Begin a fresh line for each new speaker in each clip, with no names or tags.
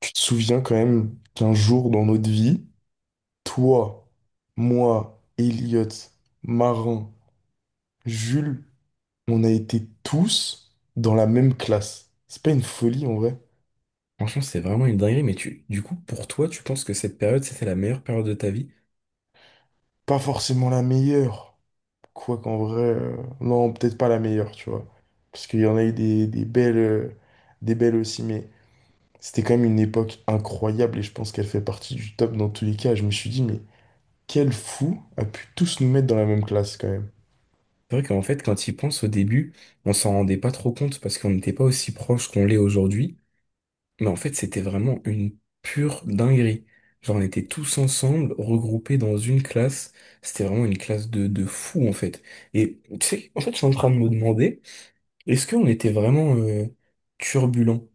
Tu te souviens quand même qu'un jour dans notre vie, toi, moi, Elliot, Marin, Jules, on a été tous dans la même classe. C'est pas une folie en vrai.
Franchement, c'est vraiment une dinguerie, mais pour toi, tu penses que cette période, c'était la meilleure période de ta vie?
Pas forcément la meilleure. Quoi qu'en vrai, non, peut-être pas la meilleure, tu vois. Parce qu'il y en a eu des belles aussi, mais c'était quand même une époque incroyable et je pense qu'elle fait partie du top dans tous les cas. Je me suis dit, mais quel fou a pu tous nous mettre dans la même classe quand même.
C'est vrai qu'en fait, quand il pense au début, on s'en rendait pas trop compte parce qu'on n'était pas aussi proche qu'on l'est aujourd'hui. Mais en fait, c'était vraiment une pure dinguerie. Genre, on était tous ensemble, regroupés dans une classe. C'était vraiment une classe de fous, en fait. Et tu sais, en fait, je suis en train de me demander, est-ce qu'on était vraiment turbulents?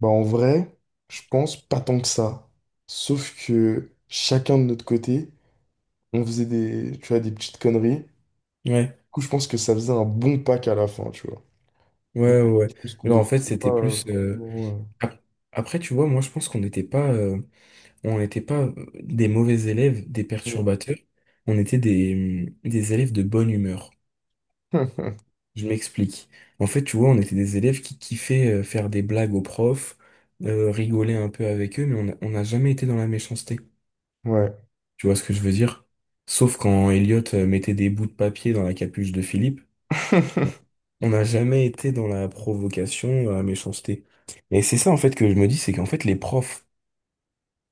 Bah, en vrai, je pense pas tant que ça. Sauf que chacun de notre côté, on faisait des, tu vois, des petites conneries. Du
Ouais,
coup, je pense que ça faisait un bon pack à la fin, tu vois. Je
ouais, ouais, ouais.
pense qu'on
Genre, en fait,
dépassait pas
c'était plus
forcément.
ap- après, tu vois, moi, je pense qu'on n'était pas on n'était pas des mauvais élèves, des
euh,
perturbateurs, on était des élèves de bonne humeur. Je m'explique. En fait, tu vois, on était des élèves qui kiffaient faire des blagues aux profs, rigoler un peu avec eux, mais on n'a jamais été dans la méchanceté.
Ouais.
Tu vois ce que je veux dire? Sauf quand Elliot mettait des bouts de papier dans la capuche de Philippe, on n'a jamais été dans la provocation, dans la méchanceté. Et c'est ça, en fait, que je me dis, c'est qu'en fait, les profs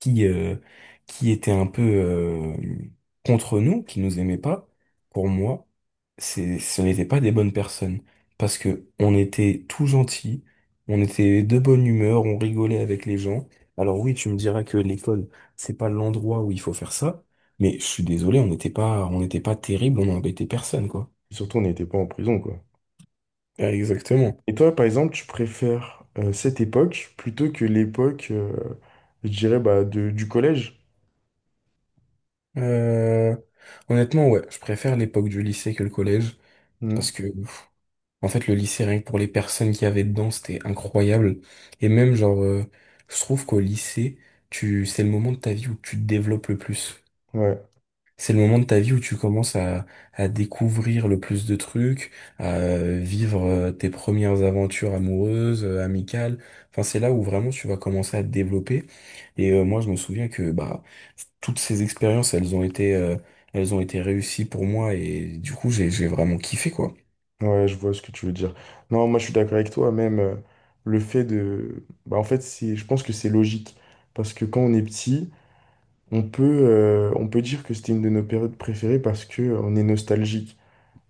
qui, euh, qui étaient un peu contre nous, qui nous aimaient pas, pour moi, ce n'étaient pas des bonnes personnes. Parce que on était tout gentils, on était de bonne humeur, on rigolait avec les gens. Alors oui, tu me diras que l'école, c'est pas l'endroit où il faut faire ça, mais je suis désolé, on n'était pas terrible, on n'embêtait personne, quoi.
Surtout, on n'était pas en prison, quoi.
Ah, exactement.
Et toi, par exemple, tu préfères cette époque plutôt que l'époque, je dirais, bah, du collège?
Euh, honnêtement, ouais, je préfère l'époque du lycée que le collège,
Hmm.
parce que pff, en fait, le lycée, rien que pour les personnes qu'il y avait dedans, c'était incroyable. Et même, genre, je trouve qu'au lycée, c'est le moment de ta vie où tu te développes le plus.
Ouais.
C'est le moment de ta vie où tu commences à découvrir le plus de trucs, à vivre tes premières aventures amoureuses, amicales. Enfin, c'est là où vraiment tu vas commencer à te développer. Et moi, je me souviens que bah toutes ces expériences, elles ont été réussies pour moi et du coup, j'ai vraiment kiffé quoi.
Ouais, je vois ce que tu veux dire. Non, moi je suis d'accord avec toi, même le fait de... Bah, en fait, c'est... je pense que c'est logique, parce que quand on est petit, on peut dire que c'était une de nos périodes préférées parce que on est nostalgique.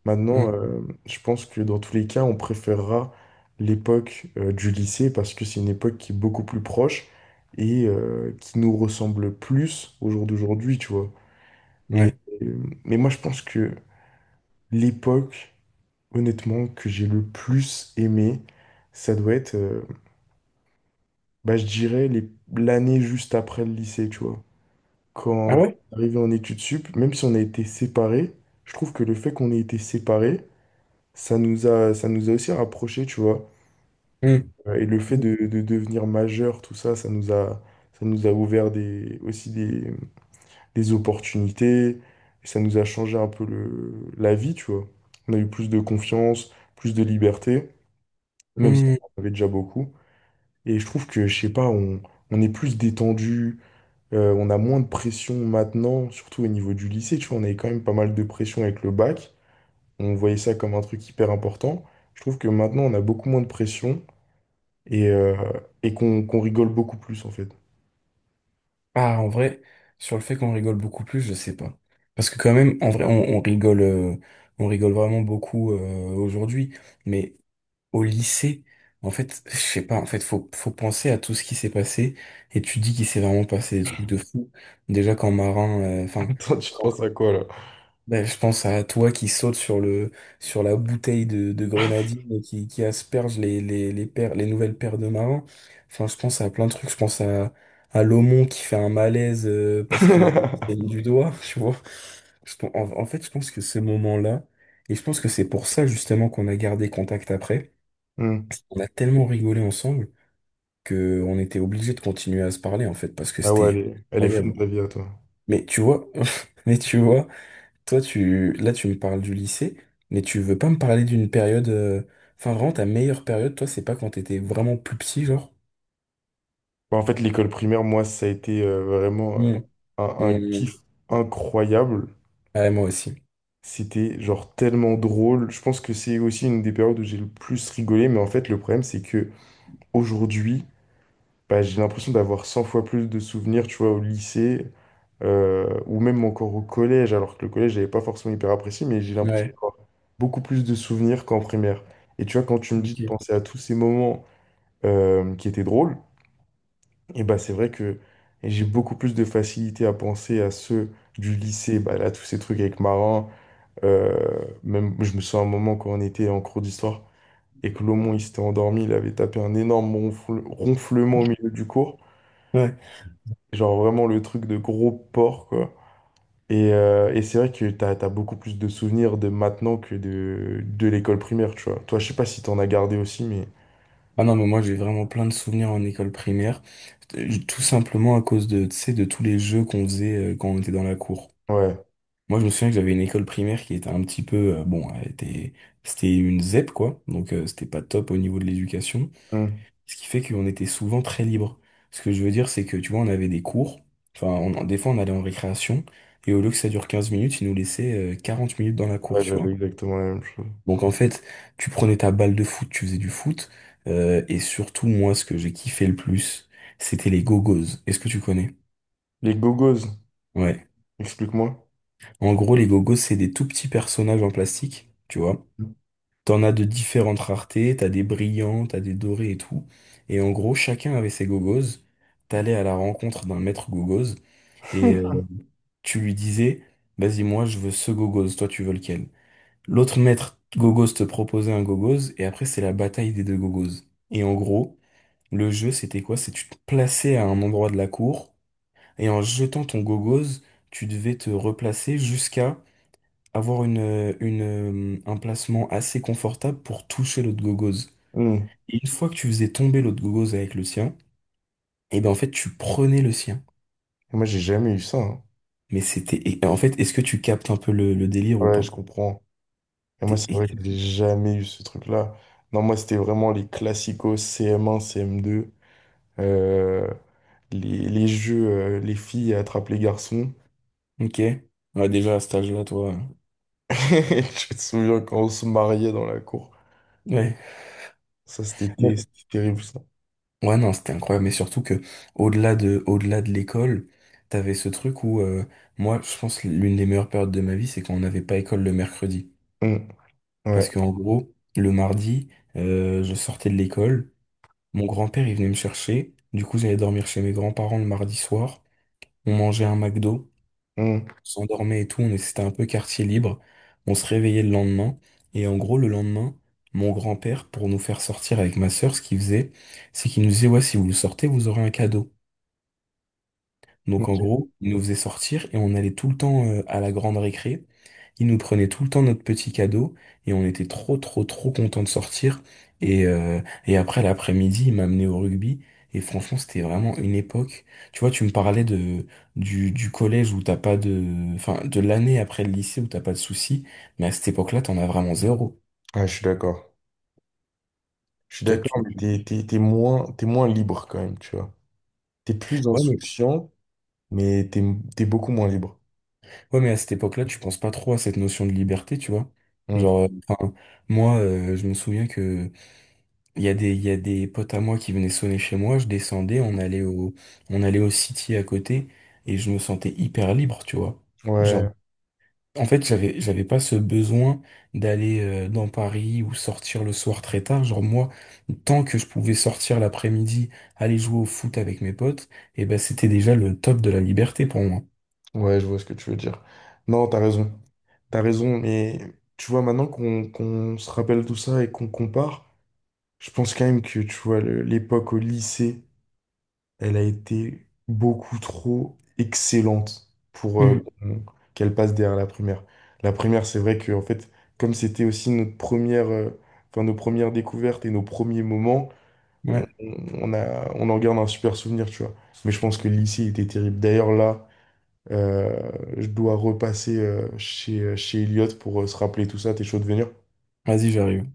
Maintenant,
Mm.
je pense que dans tous les cas, on préférera l'époque du lycée parce que c'est une époque qui est beaucoup plus proche et qui nous ressemble plus au jour d'aujourd'hui, tu vois. Et,
Ouais.
euh, mais moi je pense que l'époque... Honnêtement, que j'ai le plus aimé, ça doit être, bah, je dirais, l'année juste après le lycée, tu vois.
Ah
Quand
ouais?
on est arrivé en études sup, même si on a été séparés, je trouve que le fait qu'on ait été séparés, ça nous a aussi rapprochés, tu vois.
Mmh.
Et le fait de devenir majeur, tout ça, ça nous a ouvert aussi des opportunités. Ça nous a changé un peu la vie, tu vois. On a eu plus de confiance, plus de liberté, même si on
Hmm.
en avait déjà beaucoup. Et je trouve que, je sais pas, on est plus détendu, on a moins de pression maintenant, surtout au niveau du lycée, tu vois, on avait quand même pas mal de pression avec le bac, on voyait ça comme un truc hyper important. Je trouve que maintenant, on a beaucoup moins de pression et, euh, et qu'on rigole beaucoup plus, en fait.
Ah, en vrai, sur le fait qu'on rigole beaucoup plus, je sais pas. Parce que quand même, en vrai, on rigole vraiment beaucoup aujourd'hui. Mais au lycée, en fait, je sais pas. En fait, faut penser à tout ce qui s'est passé. Et tu dis qu'il s'est vraiment passé des trucs de fou. Déjà quand Marin, enfin,
Attends, tu penses à quoi, là?
ben, je pense à toi qui saute sur le sur la bouteille de grenadine et qui asperge les les nouvelles paires de marins. Enfin, je pense à plein de trucs. Je pense à Lomon qui fait un malaise parce que il a du doigt, tu vois. En fait, je pense que ce moment-là, et je pense que c'est pour ça justement qu'on a gardé contact après.
Hmm.
On a tellement rigolé ensemble que on était obligé de continuer à se parler en fait parce que
Ah ouais,
c'était
elle est fun
incroyable.
ta vie à toi.
Mais tu vois, mais tu vois. Toi, tu me parles du lycée, mais tu veux pas me parler d'une période. Enfin, vraiment, ta meilleure période, toi, c'est pas quand t'étais vraiment plus petit, genre?
Bah, en fait, l'école primaire, moi, ça a été vraiment
Mmh.
un
Mmh. Mmh.
kiff incroyable.
Ouais, moi aussi.
C'était genre tellement drôle. Je pense que c'est aussi une des périodes où j'ai le plus rigolé. Mais en fait, le problème, c'est que aujourd'hui, bah, j'ai l'impression d'avoir 100 fois plus de souvenirs, tu vois, au lycée ou même encore au collège, alors que le collège, j'avais pas forcément hyper apprécié, mais j'ai l'impression
Ouais.
d'avoir beaucoup plus de souvenirs qu'en primaire. Et tu vois, quand tu me dis de
Ok.
penser à tous ces moments qui étaient drôles, et bah, c'est vrai que j'ai beaucoup plus de facilité à penser à ceux du lycée, bah, là, tous ces trucs avec Marin. euh, Même, je me souviens un moment quand on était en cours d'histoire et que Lomon, il s'était endormi, il avait tapé un énorme ronflement au milieu du cours.
Ouais.
Genre vraiment le truc de gros porc, quoi. Et c'est vrai que t'as beaucoup plus de souvenirs de maintenant que de l'école primaire, tu vois. Toi, je sais pas si t'en as gardé aussi, mais
Ah non, mais moi, j'ai vraiment plein de souvenirs en école primaire. Tout simplement à cause de, tu sais, de tous les jeux qu'on faisait quand on était dans la cour.
ouais.
Moi, je me souviens que j'avais une école primaire qui était un petit peu. Bon, c'était une ZEP, quoi. Donc, c'était pas top au niveau de l'éducation.
Hmm.
Ce qui fait qu'on était souvent très libre. Ce que je veux dire, c'est que, tu vois, on avait des cours, enfin, des fois, on allait en récréation, et au lieu que ça dure 15 minutes, ils nous laissaient 40 minutes dans la cour,
Ouais,
tu
j'avais
vois.
exactement la même chose.
Donc, en fait, tu prenais ta balle de foot, tu faisais du foot, et surtout, moi, ce que j'ai kiffé le plus, c'était les gogos. Est-ce que tu connais?
Les gogos,
Ouais.
explique-moi.
En gros, les gogos, c'est des tout petits personnages en plastique, tu vois. T'en as de différentes raretés, t'as des brillants, t'as des dorés et tout. Et en gros, chacun avait ses gogos. T'allais à la rencontre d'un maître gogos et tu lui disais, vas-y, moi je veux ce gogos, toi tu veux lequel? L'autre maître gogos te proposait un gogos et après c'est la bataille des deux gogos. Et en gros, le jeu c'était quoi? C'est tu te plaçais à un endroit de la cour et en jetant ton gogos, tu devais te replacer jusqu'à avoir un placement assez confortable pour toucher l'autre gogos.
Hmm.
Et une fois que tu faisais tomber l'autre gogos avec le sien, et ben en fait tu prenais le sien.
Et moi, j'ai jamais eu ça, hein.
Mais c'était. Et en fait, est-ce que tu captes un peu le délire ou
Ouais, je
pas?
comprends. Et moi, c'est vrai que
T'es-
j'ai jamais eu ce truc-là. Non, moi, c'était vraiment les classicos CM1, CM2, euh, les jeux, les filles attrapent les garçons.
ok. Ouais, déjà à cet âge-là, toi.
Je me souviens quand on se mariait dans la cour.
Ouais.
Ça, c'était
Ouais,
c'était terrible, ça.
ouais, non, c'était incroyable. Mais surtout que au-delà de l'école, t'avais ce truc où moi, je pense que l'une des meilleures périodes de ma vie, c'est quand on n'avait pas école le mercredi.
Hmm. Ouais.
Parce qu'en gros, le mardi, je sortais de l'école, mon grand-père il venait me chercher, du coup j'allais dormir chez mes grands-parents le mardi soir, on mangeait un McDo.
Hmm.
S'endormait et tout, c'était un peu quartier libre. On se réveillait le lendemain. Et en gros, le lendemain, mon grand-père, pour nous faire sortir avec ma sœur, ce qu'il faisait, c'est qu'il nous disait, ouais, si vous sortez, vous aurez un cadeau. Donc en
Ok.
gros, il nous faisait sortir et on allait tout le temps à la grande récré. Il nous prenait tout le temps notre petit cadeau et on était trop trop trop contents de sortir. Et, euh, et après l'après-midi, il m'a amené au rugby. Et franchement, c'était vraiment une époque. Tu vois, tu me parlais de du collège où t'as pas de, enfin, de l'année après le lycée où t'as pas de soucis. Mais à cette époque-là, t'en as vraiment zéro.
Ah, je suis d'accord. Je suis
Toi,
d'accord,
tu,
mais
tu-
t'es moins libre quand même, tu vois. T'es plus
ouais, mais,
insouciant, mais t'es beaucoup moins libre.
ouais, mais à cette époque-là, tu penses pas trop à cette notion de liberté, tu vois.
Hmm.
Genre, enfin, moi, je me souviens que il y a des, il y a des potes à moi qui venaient sonner chez moi, je descendais, on allait on allait au City à côté, et je me sentais hyper libre, tu vois. Genre,
Ouais.
en fait, j'avais pas ce besoin d'aller dans Paris ou sortir le soir très tard. Genre, moi, tant que je pouvais sortir l'après-midi, aller jouer au foot avec mes potes, et ben, c'était déjà le top de la liberté pour moi.
Ouais, je vois ce que tu veux dire. Non, t'as raison. T'as raison, mais tu vois, maintenant qu'on se rappelle tout ça et qu'on compare, je pense quand même que, tu vois, l'époque au lycée, elle a été beaucoup trop excellente pour
Hmm,
qu'elle passe derrière la primaire. La primaire, c'est vrai que, en fait, comme c'était aussi notre première, enfin, nos premières découvertes et nos premiers moments, on,
ouais.
on en garde un super souvenir, tu vois. Mais je pense que le lycée était terrible. D'ailleurs, là, euh, je dois repasser chez, chez Elliot pour se rappeler tout ça. T'es chaud de venir?
Vas-y, j'arrive.